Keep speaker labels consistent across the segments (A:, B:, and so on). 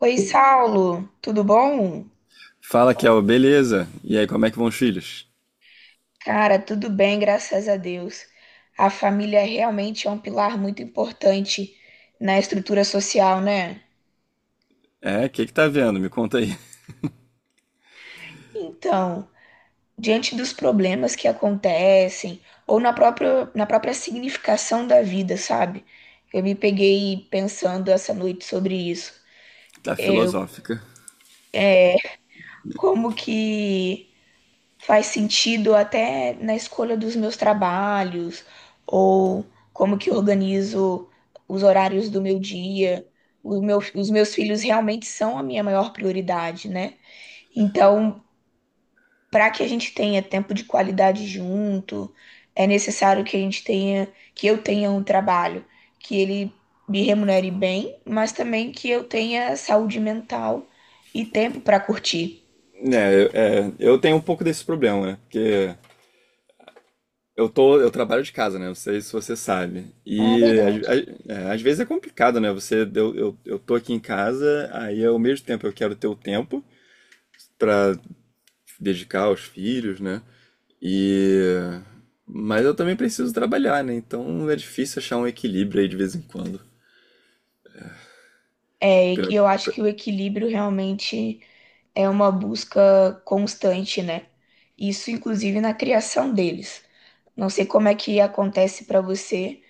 A: Oi, Saulo, tudo bom?
B: Fala, Kel, beleza? E aí, como é que vão os filhos?
A: Cara, tudo bem, graças a Deus. A família realmente é um pilar muito importante na estrutura social, né?
B: É, o que que tá vendo? Me conta aí.
A: Então, diante dos problemas que acontecem, ou na própria significação da vida, sabe? Eu me peguei pensando essa noite sobre isso.
B: Tá
A: Eu,
B: filosófica.
A: como que faz sentido até na escolha dos meus trabalhos, ou como que eu organizo os horários do meu dia. Os meus filhos realmente são a minha maior prioridade, né? Então, para que a gente tenha tempo de qualidade junto, é necessário que eu tenha um trabalho que ele me remunere bem, mas também que eu tenha saúde mental e tempo para curtir.
B: É, eu tenho um pouco desse problema, né? Porque eu trabalho de casa, né? Não sei se você sabe.
A: Ah, é
B: E
A: verdade.
B: às vezes é complicado, né? Eu tô aqui em casa, aí ao mesmo tempo eu quero ter o tempo pra dedicar aos filhos, né? E mas eu também preciso trabalhar, né? Então é difícil achar um equilíbrio aí de vez em quando.
A: É, e
B: Pra-
A: eu acho que
B: pra-
A: o equilíbrio realmente é uma busca constante, né? Isso, inclusive, na criação deles. Não sei como é que acontece para você,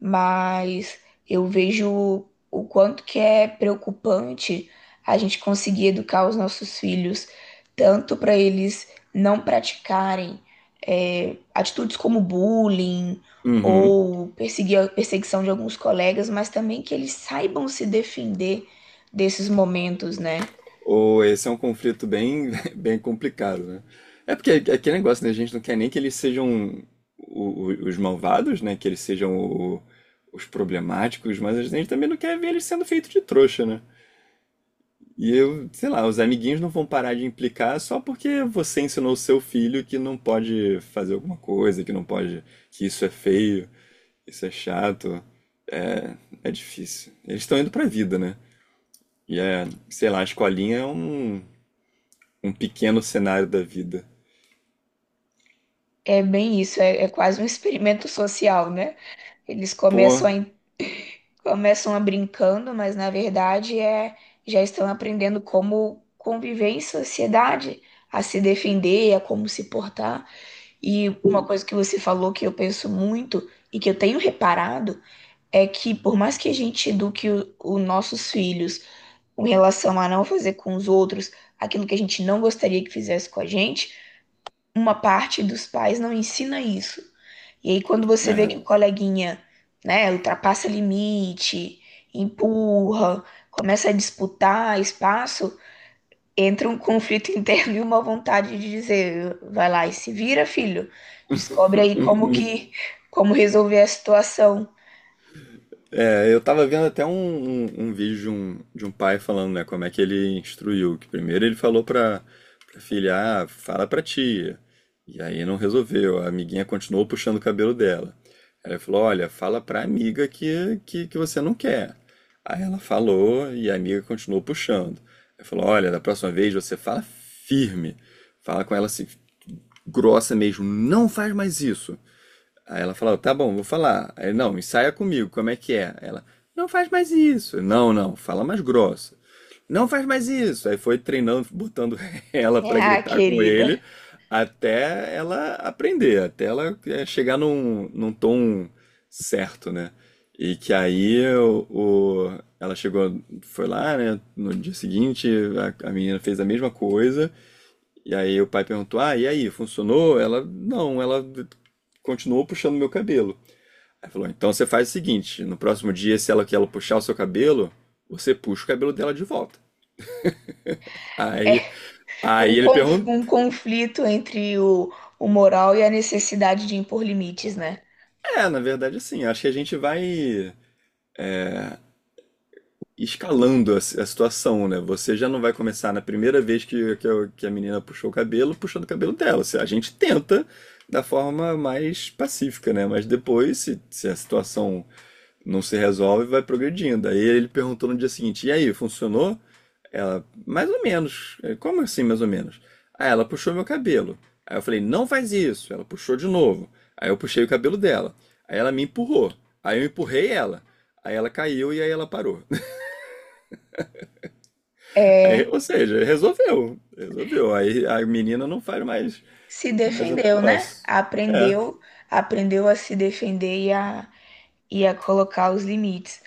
A: mas eu vejo o quanto que é preocupante a gente conseguir educar os nossos filhos, tanto para eles não praticarem atitudes como bullying
B: Uhum.
A: ou perseguir perseguição de alguns colegas, mas também que eles saibam se defender desses momentos, né?
B: Ou esse é um conflito bem, bem complicado, né? É porque é aquele negócio, né? A gente não quer nem que eles sejam os malvados, né? Que eles sejam os problemáticos, mas a gente também não quer ver eles sendo feitos de trouxa, né? E eu, sei lá, os amiguinhos não vão parar de implicar só porque você ensinou o seu filho que não pode fazer alguma coisa, que não pode, que isso é feio, isso é chato, é difícil. Eles estão indo pra vida, né? E é, sei lá, a escolinha é um pequeno cenário da vida.
A: É bem isso, é, é quase um experimento social, né? Eles
B: Pô,
A: começam a brincando, mas na verdade já estão aprendendo como conviver em sociedade, a se defender, a como se portar. E uma coisa que você falou que eu penso muito e que eu tenho reparado é que por mais que a gente eduque os nossos filhos com relação a não fazer com os outros aquilo que a gente não gostaria que fizesse com a gente, uma parte dos pais não ensina isso. E aí, quando você vê
B: é.
A: que o coleguinha, né, ultrapassa limite, empurra, começa a disputar espaço, entra um conflito interno e uma vontade de dizer, vai lá e se vira, filho. Descobre aí como resolver a situação.
B: É, eu tava vendo até um vídeo de um pai falando, né, como é que ele instruiu, que primeiro ele falou pra filha, fala pra tia, e aí não resolveu, a amiguinha continuou puxando o cabelo dela. Aí ele falou, olha, fala pra amiga que você não quer. Aí ela falou e a amiga continuou puxando. Aí falou, olha, da próxima vez você fala firme, fala com ela assim, grossa mesmo, não faz mais isso. Aí ela falou, tá bom, vou falar. Aí, não, ensaia comigo, como é que é? Ela, não faz mais isso. Não, não, fala mais grossa. Não faz mais isso. Aí foi treinando, botando ela pra
A: Ah,
B: gritar com ele,
A: querida.
B: até ela aprender, até ela chegar num tom certo, né? E que aí ela chegou, foi lá, né? No dia seguinte, a menina fez a mesma coisa. E aí o pai perguntou: Ah, e aí, funcionou? Ela, não, ela continuou puxando meu cabelo. Aí falou: Então você faz o seguinte: no próximo dia, se ela que ela puxar o seu cabelo, você puxa o cabelo dela de volta.
A: É
B: Aí, aí ele perguntou:
A: um conflito entre o moral e a necessidade de impor limites, né?
B: É, na verdade, assim, acho que a gente vai escalando a situação, né? Você já não vai começar na primeira vez que a menina puxou o cabelo, puxando o cabelo dela. A gente tenta da forma mais pacífica, né? Mas depois, se a situação não se resolve e vai progredindo. Aí ele perguntou no dia seguinte: E aí, funcionou? Ela, mais ou menos. Ele, Como assim, mais ou menos? Aí ela puxou meu cabelo. Aí eu falei: Não faz isso. Ela puxou de novo. Aí eu puxei o cabelo dela. Aí ela me empurrou. Aí eu empurrei ela. Aí ela caiu e aí ela parou. Aí,
A: É,
B: ou seja, resolveu. Resolveu. Aí a menina não faz mais,
A: se
B: mais o
A: defendeu, né?
B: negócio. É,
A: Aprendeu, aprendeu a se defender e a colocar os limites.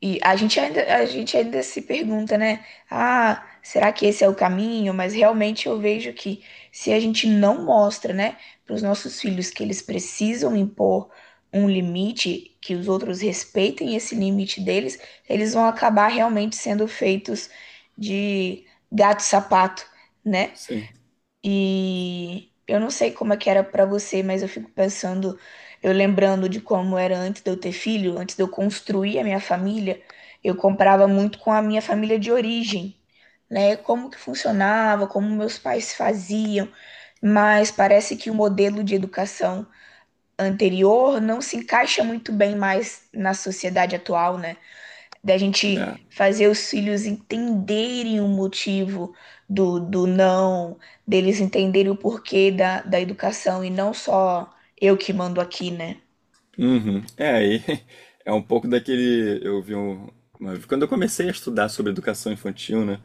A: E a gente ainda se pergunta, né? Ah, será que esse é o caminho? Mas realmente eu vejo que se a gente não mostra, né, para os nossos filhos que eles precisam impor um limite, que os outros respeitem esse limite deles, eles vão acabar realmente sendo feitos de gato-sapato, né?
B: sim.
A: E eu não sei como é que era pra você, mas eu fico pensando, eu lembrando de como era antes de eu ter filho, antes de eu construir a minha família, eu comprava muito com a minha família de origem, né? Como que funcionava, como meus pais faziam, mas parece que o modelo de educação anterior não se encaixa muito bem mais na sociedade atual, né? Da gente
B: É.
A: fazer os filhos entenderem o motivo do não, deles entenderem o porquê da educação e não só eu que mando aqui, né?
B: Uhum. É, aí é um pouco daquele. Eu vi um. Quando eu comecei a estudar sobre educação infantil, né?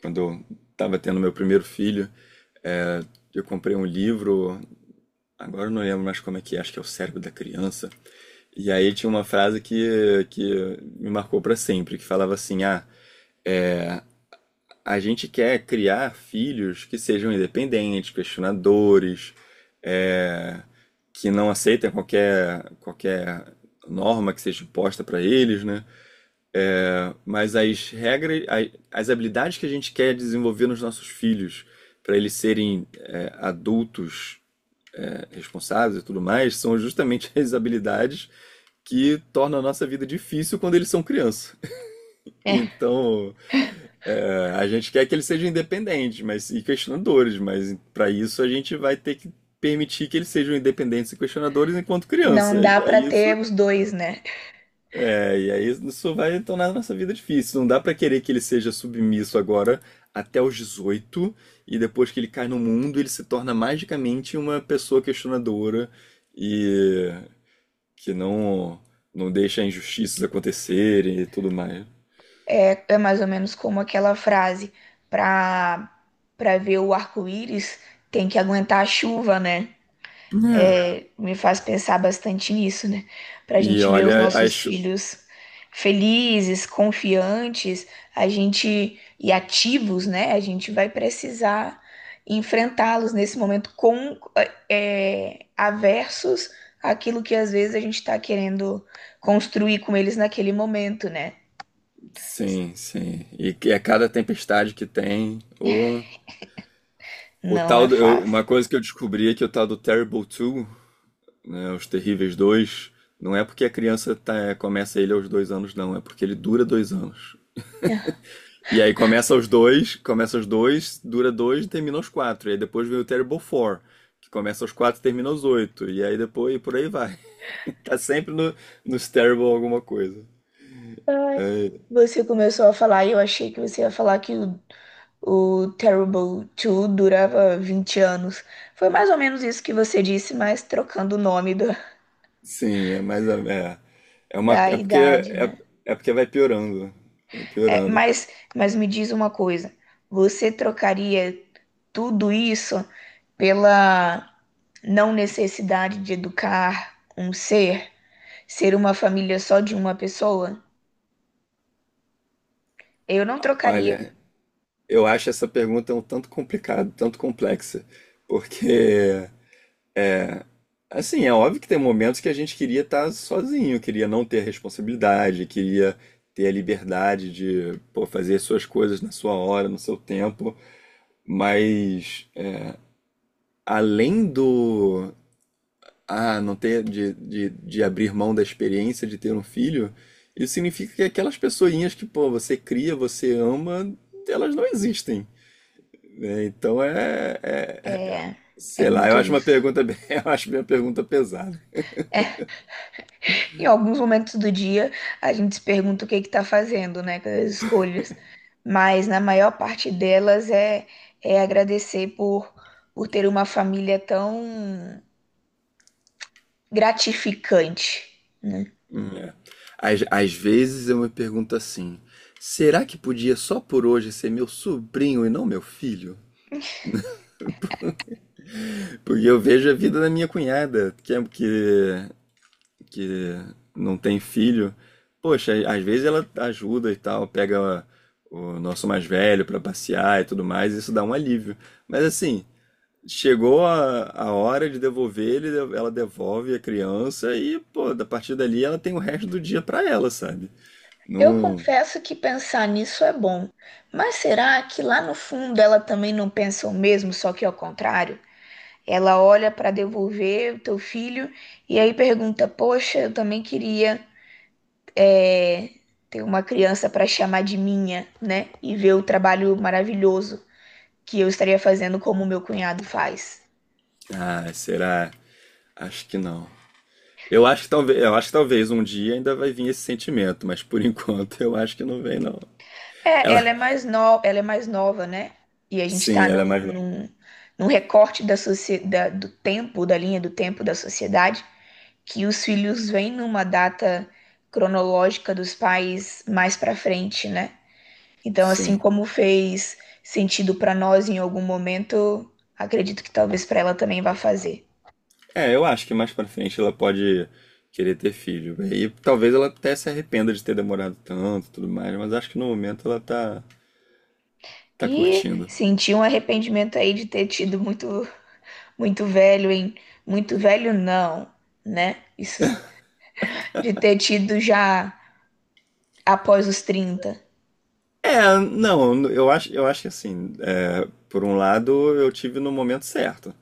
B: Quando eu estava tendo meu primeiro filho, é, eu comprei um livro, agora eu não lembro mais como é que é, acho que é O Cérebro da Criança. E aí tinha uma frase que me marcou para sempre, que falava assim: ah, a gente quer criar filhos que sejam independentes, questionadores, é, que não aceitem qualquer norma que seja imposta para eles, né? Mas as regras, as habilidades que a gente quer desenvolver nos nossos filhos, para eles serem adultos responsáveis e tudo mais, são justamente as habilidades que tornam a nossa vida difícil quando eles são criança.
A: É,
B: Então, a gente quer que eles sejam independentes, mas e questionadores, mas para isso a gente vai ter que permitir que eles sejam independentes e questionadores enquanto criança.
A: não dá
B: E aí
A: para
B: isso
A: ter os dois, né?
B: É, e aí isso vai tornar a nossa vida difícil. Não dá pra querer que ele seja submisso agora até os 18 e depois que ele cai no mundo, ele se torna magicamente uma pessoa questionadora e que não deixa injustiças acontecerem e tudo mais.
A: É, é mais ou menos como aquela frase: pra pra ver o arco-íris tem que aguentar a chuva, né?
B: É.
A: É, me faz pensar bastante nisso, né? Para a
B: E
A: gente ver os
B: olha,
A: nossos
B: acho
A: filhos felizes, confiantes, a gente e ativos, né? A gente vai precisar enfrentá-los nesse momento com aversos àquilo que às vezes a gente está querendo construir com eles naquele momento, né?
B: sim, sim. E que é cada tempestade que tem o
A: Não é
B: tal do- eu-
A: fácil.
B: uma coisa que eu descobri é que o tal do Terrible 2, né, Os Terríveis 2 não é porque a criança começa ele aos 2 anos, não, é porque ele dura 2 anos. E aí começa os dois, dura dois e termina os quatro. E aí depois vem o Terrible Four, que começa os quatro e termina os oito. E aí depois, e por aí vai. Tá sempre no, nos Terrible alguma coisa.
A: Ai,
B: É,
A: você começou a falar e eu achei que você ia falar que o Terrible 2 durava 20 anos. Foi mais ou menos isso que você disse, mas trocando o nome da,
B: sim, é mais. É, uma.
A: da
B: É porque,
A: idade,
B: é,
A: né?
B: é porque vai piorando. Vai
A: É,
B: piorando.
A: mas me diz uma coisa: você trocaria tudo isso pela não necessidade de educar um ser, ser uma família só de uma pessoa? Eu não trocaria.
B: Olha, eu acho essa pergunta um tanto complicada, tanto complexa, porque assim, é óbvio que tem momentos que a gente queria estar sozinho, queria não ter responsabilidade, queria ter a liberdade de, pô, fazer suas coisas na sua hora, no seu tempo, mas além do, não ter, de abrir mão da experiência de ter um filho, isso significa que aquelas pessoinhas que, pô, você cria, você ama, elas não existem, né? Então é-
A: É, é
B: sei lá, eu
A: muito
B: acho uma
A: isso.
B: pergunta bem, eu acho minha pergunta pesada.
A: É, em alguns momentos do dia, a gente se pergunta o que está fazendo, né, com as escolhas. Mas na maior parte delas é, é agradecer por ter uma família tão gratificante, né?
B: É. Às vezes eu me pergunto assim: será que podia só por hoje ser meu sobrinho e não meu filho? Porque eu vejo a vida da minha cunhada, que não tem filho. Poxa, às vezes ela ajuda e tal, pega o nosso mais velho pra passear e tudo mais, isso dá um alívio. Mas assim, chegou a hora de devolver ele, ela devolve a criança e, pô, a partir dali ela tem o resto do dia pra ela, sabe?
A: Eu
B: Não,
A: confesso que pensar nisso é bom, mas será que lá no fundo ela também não pensa o mesmo, só que ao contrário? Ela olha para devolver o teu filho e aí pergunta: poxa, eu também queria ter uma criança para chamar de minha, né? E ver o trabalho maravilhoso que eu estaria fazendo como meu cunhado faz.
B: ah, será? Acho que não. Eu acho que talvez um dia ainda vai vir esse sentimento, mas por enquanto eu acho que não vem, não.
A: É,
B: Ela,
A: ela é mais no... ela é mais nova, né? E a gente
B: sim,
A: está
B: ela é mais nova.
A: num recorte da socie... do tempo, da linha do tempo da sociedade, que os filhos vêm numa data cronológica dos pais mais para frente, né? Então, assim
B: Sim.
A: como fez sentido para nós em algum momento, acredito que talvez para ela também vá fazer.
B: É, eu acho que mais pra frente ela pode querer ter filho. E talvez ela até se arrependa de ter demorado tanto, e tudo mais, mas acho que no momento ela tá
A: E
B: curtindo.
A: senti um arrependimento aí de ter tido muito, muito velho em, muito velho não, né? Isso de ter tido já após os 30.
B: É, não, eu acho que assim, por um lado eu tive no momento certo.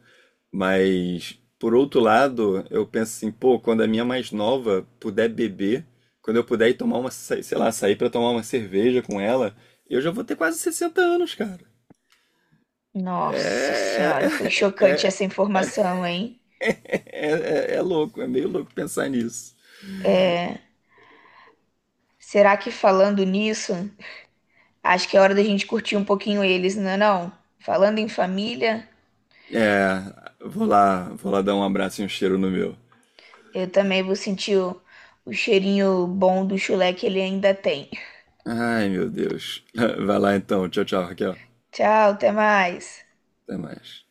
B: Mas, por outro lado, eu penso assim, pô, quando a minha mais nova puder beber, quando eu puder ir tomar uma, sei lá, sair pra tomar uma cerveja com ela, eu já vou ter quase 60 anos, cara.
A: Nossa
B: É,
A: senhora, foi
B: é,
A: chocante essa informação, hein?
B: é, é louco, é meio louco pensar nisso.
A: É, será que falando nisso, acho que é hora da gente curtir um pouquinho eles, não é não? Falando em família,
B: É, vou lá dar um abraço e um cheiro no meu.
A: eu também vou sentir o cheirinho bom do chulé que ele ainda tem.
B: Ai, meu Deus. Vai lá então, tchau, tchau, Raquel.
A: Tchau, até mais.
B: Até mais.